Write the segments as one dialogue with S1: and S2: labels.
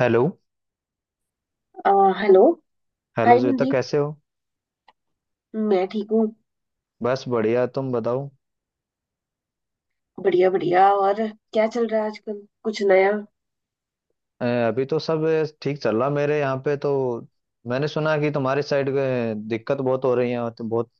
S1: Hello.
S2: आ, hello.
S1: Hello
S2: hi
S1: Shweta,
S2: Mandeep,
S1: कैसे हो?
S2: मैं ठीक हूँ।
S1: बस बढ़िया, तुम बताओ।
S2: बढ़िया बढ़िया, और क्या चल रहा है आजकल, कुछ नया?
S1: अभी तो सब ठीक चल रहा मेरे यहाँ पे तो। मैंने सुना कि तुम्हारी साइड के दिक्कत बहुत हो रही है, तो बहुत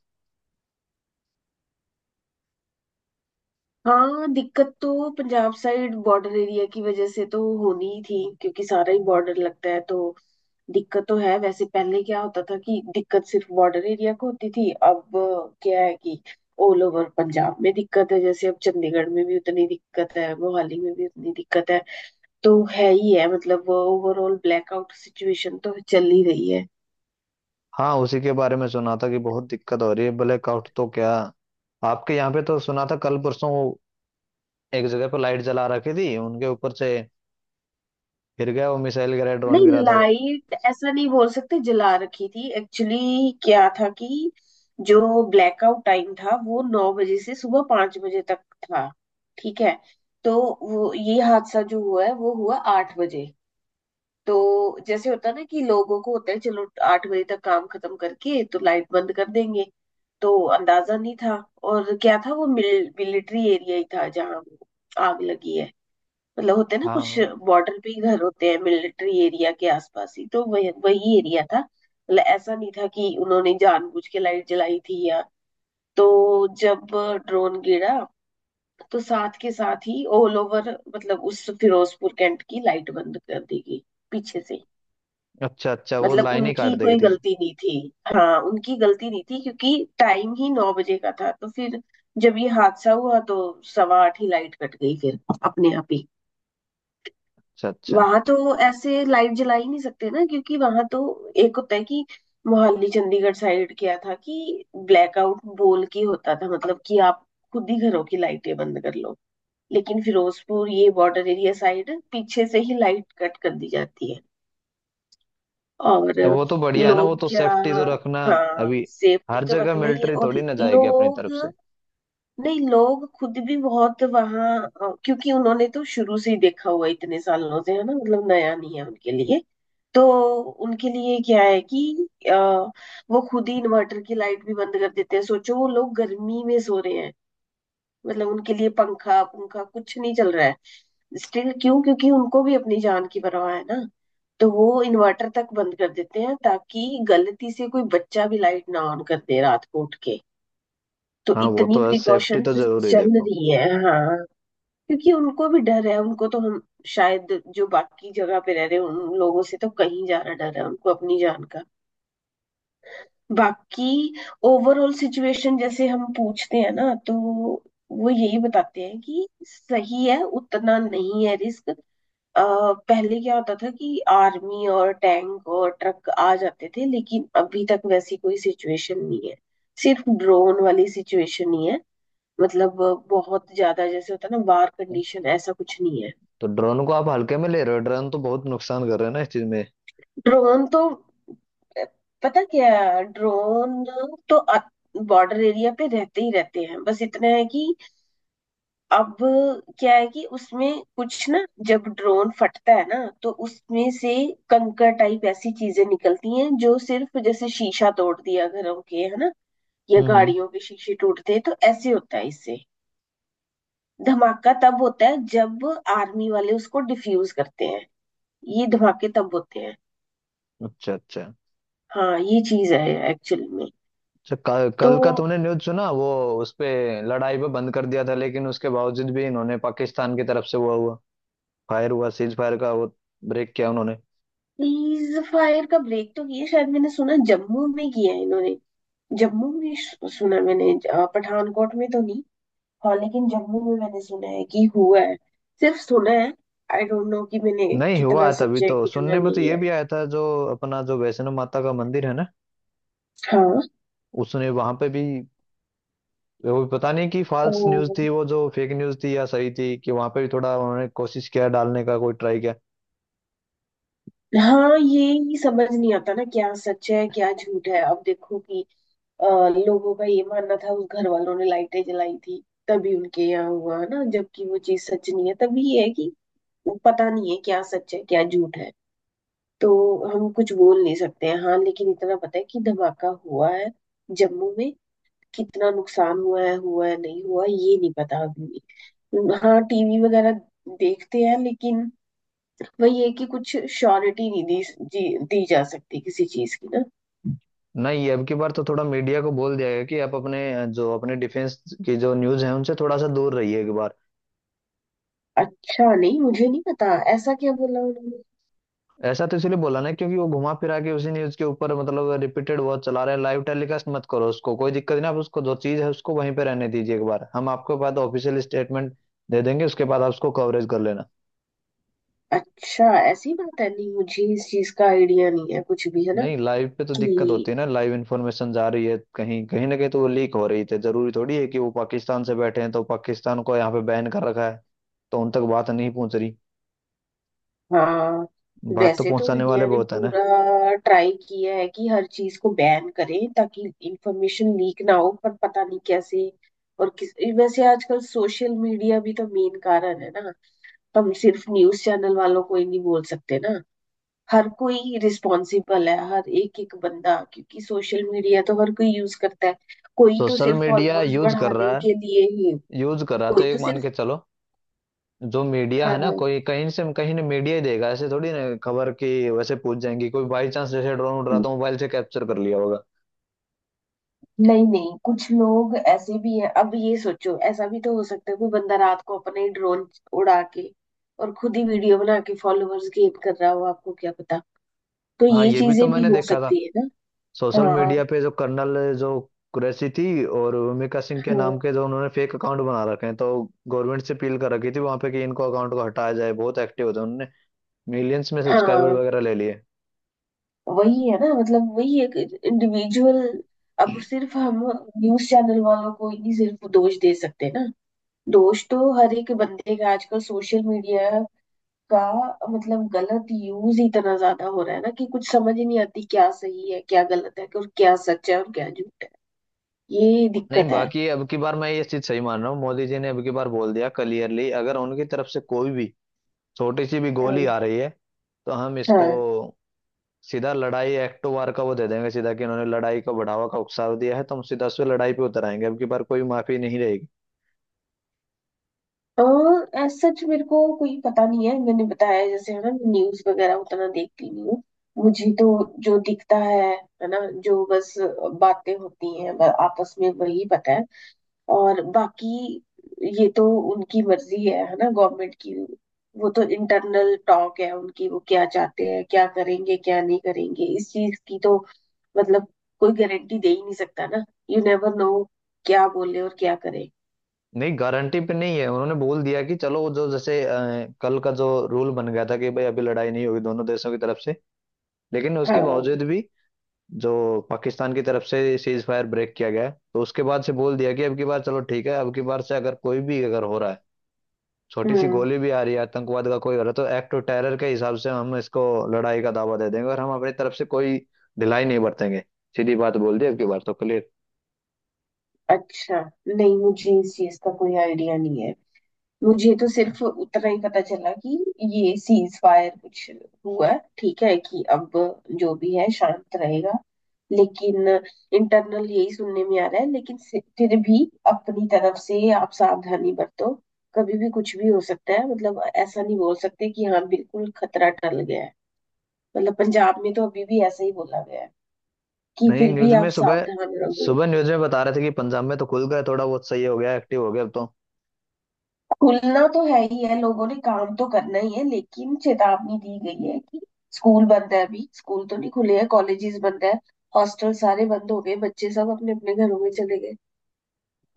S2: हाँ, दिक्कत तो पंजाब साइड बॉर्डर एरिया की वजह से तो होनी ही थी क्योंकि सारा ही बॉर्डर लगता है तो दिक्कत तो है। वैसे पहले क्या होता था कि दिक्कत सिर्फ बॉर्डर एरिया को होती थी, अब क्या है कि ऑल ओवर पंजाब में दिक्कत है, जैसे अब चंडीगढ़ में भी उतनी दिक्कत है, मोहाली में भी उतनी दिक्कत है। तो है ही है, मतलब ओवरऑल ब्लैकआउट सिचुएशन तो चल ही रही है।
S1: हाँ, उसी के बारे में सुना था कि बहुत दिक्कत हो रही है ब्लैकआउट तो। क्या आपके यहाँ पे तो सुना था कल परसों वो एक जगह पर लाइट जला रखी थी, उनके ऊपर से गिर गया, वो मिसाइल गिरा, ड्रोन
S2: नहीं,
S1: गिरा था वो।
S2: लाइट ऐसा नहीं बोल सकते जला रखी थी, एक्चुअली क्या था कि जो ब्लैकआउट टाइम था वो नौ बजे से सुबह पांच बजे तक था, ठीक है? तो वो ये हादसा जो हुआ है वो हुआ आठ बजे। तो जैसे होता है ना कि लोगों को होता है चलो आठ बजे तक काम खत्म करके तो लाइट बंद कर देंगे, तो अंदाजा नहीं था। और क्या था वो मिलिट्री एरिया ही था जहाँ आग लगी है। मतलब होते हैं ना कुछ
S1: हाँ,
S2: बॉर्डर पे ही घर होते हैं मिलिट्री एरिया के आसपास ही, तो वही वही एरिया था। मतलब ऐसा नहीं था कि उन्होंने जानबूझ के लाइट जलाई थी या। तो जब ड्रोन गिरा तो साथ के साथ ही ऑल ओवर, मतलब उस फिरोजपुर कैंट की लाइट बंद कर दी गई पीछे से।
S1: अच्छा अच्छा, वो
S2: मतलब
S1: लाइन ही काट
S2: उनकी
S1: देगी
S2: कोई
S1: थी वो।
S2: गलती नहीं थी। हाँ, उनकी गलती नहीं थी क्योंकि टाइम ही नौ बजे का था, तो फिर जब ये हादसा हुआ तो सवा आठ ही लाइट कट गई फिर अपने आप ही।
S1: अच्छा अच्छा।
S2: वहां तो ऐसे लाइट जला ही नहीं सकते ना क्योंकि वहां तो एक होता है कि मोहाली चंडीगढ़ साइड क्या था कि ब्लैकआउट बोल के होता था, मतलब कि आप खुद ही घरों की लाइटें बंद कर लो, लेकिन फिरोजपुर ये बॉर्डर एरिया साइड पीछे से ही लाइट कट कर दी जाती है। और
S1: तो वो तो बढ़िया है ना, वो
S2: लोग
S1: तो
S2: क्या,
S1: सेफ्टी तो रखना।
S2: हाँ
S1: अभी
S2: सेफ्टी
S1: हर
S2: तो
S1: जगह
S2: रखना ही है।
S1: मिलिट्री
S2: और
S1: थोड़ी ना जाएगी अपनी
S2: लोग,
S1: तरफ से।
S2: नहीं लोग खुद भी बहुत वहाँ, क्योंकि उन्होंने तो शुरू से ही देखा हुआ है, इतने सालों से है ना, मतलब नया नहीं है उनके लिए। तो उनके लिए क्या है कि वो खुद ही इन्वर्टर की लाइट भी बंद कर देते हैं। सोचो वो लोग गर्मी में सो रहे हैं, मतलब उनके लिए पंखा पंखा कुछ नहीं चल रहा है स्टिल। क्यों? क्योंकि उनको भी अपनी जान की परवाह है ना, तो वो इन्वर्टर तक बंद कर देते हैं ताकि गलती से कोई बच्चा भी लाइट ना ऑन कर दे रात को उठ के। तो
S1: हाँ, वो
S2: इतनी
S1: तो है, सेफ्टी तो
S2: प्रिकॉशंस
S1: जरूरी है
S2: चल
S1: देखो।
S2: रही है। हाँ, क्योंकि उनको भी डर है, उनको तो हम शायद, जो बाकी जगह पे रह रहे हैं उन लोगों से तो कहीं ज्यादा डर है उनको अपनी जान का। बाकी ओवरऑल सिचुएशन जैसे हम पूछते हैं ना, तो वो यही बताते हैं कि सही है, उतना नहीं है रिस्क। पहले क्या होता था कि आर्मी और टैंक और ट्रक आ जाते थे, लेकिन अभी तक वैसी कोई सिचुएशन नहीं है, सिर्फ ड्रोन वाली सिचुएशन ही है। मतलब बहुत ज्यादा जैसे होता है ना वार कंडीशन, ऐसा कुछ नहीं है।
S1: तो ड्रोन को आप हल्के में ले रहे हो? ड्रोन तो बहुत नुकसान कर रहे हैं ना इस चीज में।
S2: ड्रोन तो, पता क्या है, ड्रोन तो बॉर्डर एरिया पे रहते ही रहते हैं। बस इतना है कि अब क्या है कि उसमें कुछ ना, जब ड्रोन फटता है ना तो उसमें से कंकर टाइप ऐसी चीजें निकलती हैं जो सिर्फ जैसे शीशा तोड़ दिया घरों के, है ना, या
S1: हम्म हम्म।
S2: गाड़ियों के शीशे टूटते हैं, तो ऐसे होता है इससे। धमाका तब होता है जब आर्मी वाले उसको डिफ्यूज करते हैं, ये धमाके तब होते हैं।
S1: अच्छा अच्छा।
S2: हाँ, ये चीज है एक्चुअल में।
S1: अच्छा, कल,
S2: तो
S1: कल का तूने न्यूज़ सुना वो? उस पे लड़ाई पे बंद कर दिया था, लेकिन उसके बावजूद भी इन्होंने पाकिस्तान की तरफ से हुआ हुआ फायर, हुआ सीज फायर का वो ब्रेक किया उन्होंने।
S2: प्लीज फायर का ब्रेक तो ये शायद मैंने सुना जम्मू में किया है इन्होंने। जम्मू में सुना मैंने, पठानकोट में तो नहीं। हाँ लेकिन जम्मू में मैंने सुना है कि हुआ है, सिर्फ सुना है। आई डोंट नो कि मैंने
S1: नहीं हुआ
S2: कितना
S1: है, तभी
S2: सच है
S1: तो
S2: कितना
S1: सुनने में तो
S2: नहीं
S1: ये
S2: है।
S1: भी आया था जो अपना जो वैष्णो माता का मंदिर है ना,
S2: हाँ।
S1: उसने वहां पे भी वो पता नहीं कि फॉल्स न्यूज
S2: ओ,
S1: थी वो, जो फेक न्यूज थी या सही थी, कि वहां पे भी थोड़ा उन्होंने कोशिश किया डालने का, कोई ट्राई किया।
S2: हाँ ये ही समझ नहीं आता ना क्या सच है क्या झूठ है। अब देखो कि लोगों का ये मानना था उस घर वालों ने लाइटें जलाई थी तभी उनके यहाँ हुआ ना, जबकि वो चीज सच नहीं है। तभी ये है कि वो पता नहीं है क्या सच है क्या झूठ है, तो हम कुछ बोल नहीं सकते हैं। हाँ लेकिन इतना पता है कि धमाका हुआ है जम्मू में, कितना नुकसान हुआ है, हुआ है नहीं हुआ ये नहीं पता अभी भी। हाँ टीवी वगैरह देखते हैं, लेकिन वही है कि कुछ श्योरिटी नहीं दी दी जा सकती किसी चीज की ना।
S1: नहीं, अब की बार तो थोड़ा मीडिया को बोल दिया गया कि आप अपने जो अपने डिफेंस की जो न्यूज है उनसे थोड़ा सा दूर रहिए एक बार।
S2: अच्छा, नहीं मुझे नहीं पता ऐसा क्या बोला उन्होंने।
S1: ऐसा तो इसलिए बोला ना क्योंकि वो घुमा फिरा के उसी न्यूज के ऊपर मतलब रिपीटेड बहुत चला रहे हैं। लाइव टेलीकास्ट मत करो उसको, कोई दिक्कत नहीं, आप उसको जो चीज है उसको वहीं पे रहने दीजिए एक बार, हम आपके बाद ऑफिशियल स्टेटमेंट दे देंगे, उसके बाद आप उसको कवरेज कर लेना।
S2: अच्छा, ऐसी बात है, नहीं मुझे इस चीज का आइडिया नहीं है कुछ भी, है ना
S1: नहीं लाइव पे तो दिक्कत
S2: कि
S1: होती है ना, लाइव इन्फॉर्मेशन जा रही है, कहीं कहीं ना कहीं तो वो लीक हो रही थी। जरूरी थोड़ी है कि वो पाकिस्तान से बैठे हैं, तो पाकिस्तान को यहाँ पे बैन कर रखा है तो उन तक बात नहीं पहुंच रही।
S2: हाँ।
S1: बात तो
S2: वैसे तो
S1: पहुंचाने वाले
S2: इंडिया ने
S1: बहुत है ना।
S2: पूरा ट्राई किया है कि हर चीज को बैन करे ताकि इंफॉर्मेशन लीक ना हो, पर पता नहीं कैसे और किस। वैसे आजकल सोशल मीडिया भी तो मेन कारण है ना, हम सिर्फ न्यूज चैनल वालों को ही नहीं बोल सकते ना। हर कोई रिस्पॉन्सिबल है, हर एक एक बंदा, क्योंकि सोशल मीडिया तो हर कोई यूज करता है। कोई तो
S1: सोशल
S2: सिर्फ
S1: मीडिया
S2: फॉलोअर्स
S1: यूज कर
S2: बढ़ाने
S1: रहा
S2: के
S1: है,
S2: लिए ही,
S1: यूज कर रहा है तो
S2: कोई तो
S1: एक मान
S2: सिर्फ।
S1: के चलो। जो मीडिया
S2: हाँ
S1: है ना,
S2: हाँ।
S1: कोई कहीं से कहीं ने मीडिया ही देगा, ऐसे थोड़ी ना खबर की वैसे पूछ जाएंगी, कोई बाई चांस जैसे ड्रोन उड़ रहा था मोबाइल से कैप्चर कर लिया होगा।
S2: नहीं नहीं, कुछ लोग ऐसे भी हैं। अब ये सोचो, ऐसा भी तो हो सकता है कोई बंदा रात को अपने ड्रोन उड़ा के और खुद ही वीडियो बना के फॉलोअर्स गेन कर रहा हो, आपको क्या पता, तो
S1: हाँ
S2: ये
S1: ये भी तो
S2: चीजें भी
S1: मैंने
S2: हो
S1: देखा था
S2: सकती है ना।
S1: सोशल
S2: हाँ।
S1: मीडिया पे, जो कर्नल जो कुरैशी थी और भूमिका सिंह के नाम
S2: हाँ
S1: के जो उन्होंने फेक अकाउंट बना रखे हैं, तो गवर्नमेंट से अपील कर रखी थी वहां पे कि इनको अकाउंट को हटाया जाए, बहुत एक्टिव होते हैं उन्होंने मिलियंस में सब्सक्राइबर
S2: हाँ,
S1: वगैरह ले लिए।
S2: वही है ना, मतलब वही एक इंडिविजुअल। अब सिर्फ हम न्यूज चैनल वालों को ही सिर्फ दोष दे सकते हैं ना, दोष तो हर एक बंदे का, आजकल सोशल मीडिया का, मतलब गलत यूज ही इतना ज्यादा हो रहा है ना कि कुछ समझ ही नहीं आती क्या सही है क्या गलत है, और क्या सच है और क्या झूठ है। ये
S1: नहीं
S2: दिक्कत है।
S1: बाकी अब की बार मैं ये चीज सही मान रहा हूँ, मोदी जी ने अब की बार बोल दिया क्लियरली, अगर उनकी तरफ से कोई भी छोटी सी भी गोली
S2: हम्म,
S1: आ रही है, तो हम इसको
S2: हाँ।
S1: सीधा लड़ाई, एक्ट वार का वो दे देंगे सीधा, कि उन्होंने लड़ाई का बढ़ावा का उकसाव दिया है, तो हम सीधा उस पे लड़ाई पे उतर आएंगे, अब की बार कोई माफी नहीं रहेगी।
S2: और as सच मेरे को कोई पता नहीं है, मैंने बताया जैसे, है ना, न्यूज वगैरह उतना देखती नहीं हूँ। मुझे तो जो दिखता है ना, जो बस बातें होती हैं आपस में, वही पता है। और बाकी ये तो उनकी मर्जी है ना, गवर्नमेंट की। वो तो इंटरनल टॉक है उनकी, वो क्या चाहते हैं क्या करेंगे क्या नहीं करेंगे इस चीज की तो मतलब कोई गारंटी दे ही नहीं सकता ना। यू नेवर नो क्या बोले और क्या करे।
S1: नहीं गारंटी पे नहीं है, उन्होंने बोल दिया कि चलो वो जो जैसे कल का जो रूल बन गया था कि भाई अभी लड़ाई नहीं होगी दोनों देशों की तरफ से, लेकिन उसके
S2: हाँ।
S1: बावजूद भी जो पाकिस्तान की तरफ से सीज फायर ब्रेक किया गया है, तो उसके बाद से बोल दिया कि अब की बार चलो ठीक है, अब की बार से अगर कोई भी अगर हो रहा है, छोटी सी
S2: हम्म।
S1: गोली भी आ रही है, आतंकवाद का कोई हो रहा है, तो एक्ट ऑफ टेरर के हिसाब से हम इसको लड़ाई का दावा दे देंगे, और हम अपनी तरफ से कोई ढिलाई नहीं बरतेंगे। सीधी बात बोल दी अब की बार तो, क्लियर।
S2: अच्छा, नहीं मुझे इस चीज का कोई आइडिया नहीं है, मुझे तो सिर्फ उतना ही पता चला कि ये सीज फायर कुछ हुआ, ठीक है कि अब जो भी है शांत रहेगा, लेकिन इंटरनल यही सुनने में आ रहा है। लेकिन फिर भी अपनी तरफ से आप सावधानी बरतो, कभी भी कुछ भी हो सकता है। मतलब ऐसा नहीं बोल सकते कि हाँ बिल्कुल खतरा टल गया है। मतलब पंजाब में तो अभी भी ऐसा ही बोला गया है कि
S1: नहीं
S2: फिर भी
S1: न्यूज
S2: आप
S1: में सुबह
S2: सावधान रहो।
S1: सुबह न्यूज में बता रहे थे कि पंजाब में तो खुल गए, थोड़ा बहुत सही हो गया, एक्टिव हो गया अब तो।
S2: खुलना तो है ही है, लोगों ने काम तो करना ही है, लेकिन चेतावनी दी गई है कि स्कूल बंद है, अभी स्कूल तो नहीं खुले हैं, कॉलेजेस बंद है, हॉस्टल सारे बंद हो गए, बच्चे सब अपने अपने घरों में चले गए।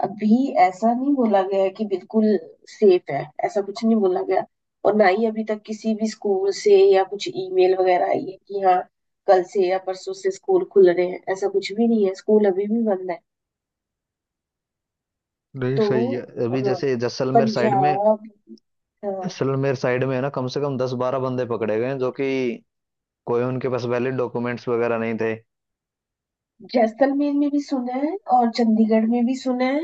S2: अभी ऐसा नहीं बोला गया है कि बिल्कुल सेफ है, ऐसा कुछ नहीं बोला गया, और ना ही अभी तक किसी भी स्कूल से या कुछ ईमेल वगैरह आई है कि हाँ कल से या परसों से स्कूल खुल रहे हैं, ऐसा कुछ भी नहीं है, स्कूल अभी भी बंद है।
S1: नहीं
S2: तो
S1: सही है,
S2: अ,
S1: अभी जैसे
S2: पंजाब।
S1: जैसलमेर साइड में है ना, कम से कम दस बारह बंदे पकड़े गए हैं जो कि कोई उनके पास वैलिड डॉक्यूमेंट्स वगैरह नहीं थे।
S2: जैसलमेर में भी सुना है और चंडीगढ़ में भी सुना है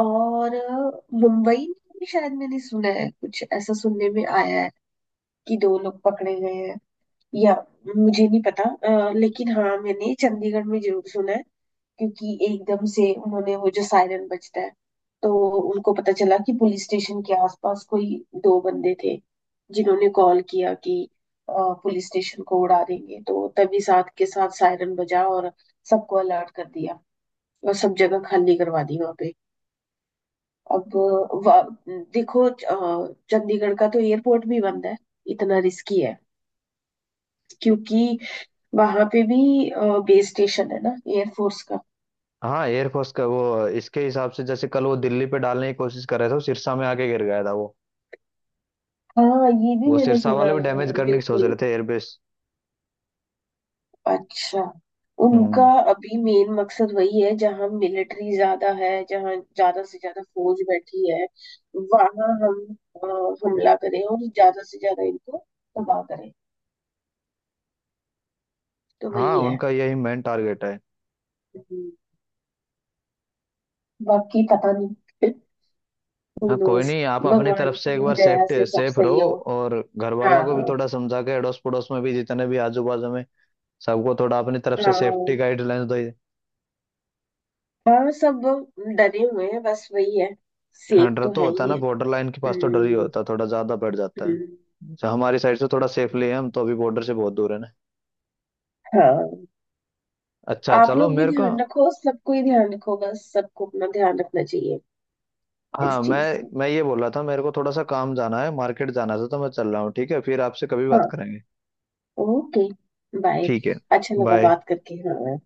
S2: और मुंबई में भी शायद मैंने सुना है, कुछ ऐसा सुनने में आया है कि दो लोग पकड़े गए हैं या, मुझे नहीं पता। लेकिन हाँ मैंने चंडीगढ़ में जरूर सुना है, क्योंकि एकदम से उन्होंने वो जो सायरन बजता है तो उनको पता चला कि पुलिस स्टेशन के आसपास कोई दो बंदे थे जिन्होंने कॉल किया कि अ, पुलिस स्टेशन को उड़ा देंगे, तो तभी साथ के साथ सायरन बजा और सबको अलर्ट कर दिया और सब जगह खाली करवा दी वहां पे। अब वा- देखो, चंडीगढ़ का तो एयरपोर्ट भी बंद है, इतना रिस्की है क्योंकि वहां पे भी बेस स्टेशन है ना एयरफोर्स का।
S1: हाँ एयरफोर्स का वो इसके हिसाब से जैसे कल वो दिल्ली पे डालने की कोशिश कर रहे थे, वो सिरसा में आके गिर गया था वो।
S2: हाँ ये भी
S1: वो
S2: मैंने
S1: सिरसा
S2: सुना
S1: वाले
S2: है,
S1: भी डैमेज
S2: हाँ,
S1: करने की सोच
S2: बिल्कुल।
S1: रहे थे एयरबेस।
S2: अच्छा। उनका
S1: हम्म।
S2: अभी मेन मकसद वही है जहां मिलिट्री ज्यादा है, जहां ज्यादा से ज्यादा फौज बैठी है वहां हम अ, हमला करें और ज्यादा से ज्यादा इनको तबाह करें, तो
S1: हाँ
S2: वही है।
S1: उनका यही मेन टारगेट है।
S2: हम्म, बाकी पता नहीं।
S1: हाँ कोई
S2: खुलूस।
S1: नहीं, आप अपनी तरफ
S2: भगवान
S1: से एक
S2: की
S1: बार
S2: दया
S1: सेफ्टी,
S2: से सब
S1: सेफ
S2: सही
S1: रहो,
S2: हो।
S1: और घर वालों को भी
S2: हाँ।
S1: थोड़ा समझा के, अड़ोस पड़ोस में भी जितने भी आजू बाजू में सबको थोड़ा अपनी तरफ से
S2: हाँ
S1: सेफ्टी गाइडलाइंस दो।
S2: हाँ, सब डरे हुए हैं बस वही है,
S1: हाँ
S2: सेफ
S1: डर
S2: तो
S1: तो
S2: है
S1: होता है
S2: ही
S1: ना,
S2: है।
S1: बॉर्डर लाइन के पास तो डर ही
S2: हम्म।
S1: होता है, थोड़ा ज्यादा बढ़ जाता है।
S2: हम्म,
S1: अच्छा, हमारी साइड से थोड़ा सेफली है, हम तो अभी बॉर्डर से बहुत दूर है ना।
S2: हाँ
S1: अच्छा
S2: आप
S1: चलो,
S2: लोग भी
S1: मेरे को
S2: ध्यान रखो, सबको ही ध्यान रखो, बस सबको अपना ध्यान रखना चाहिए इस
S1: हाँ, मैं
S2: चीज से।
S1: मैं ये बोल रहा था, मेरे को थोड़ा सा काम जाना है, मार्केट जाना था, तो मैं चल रहा हूँ ठीक है, फिर आपसे कभी बात
S2: हाँ,
S1: करेंगे।
S2: Okay, bye.
S1: ठीक है,
S2: अच्छा लगा
S1: बाय।
S2: बात करके, हाँ।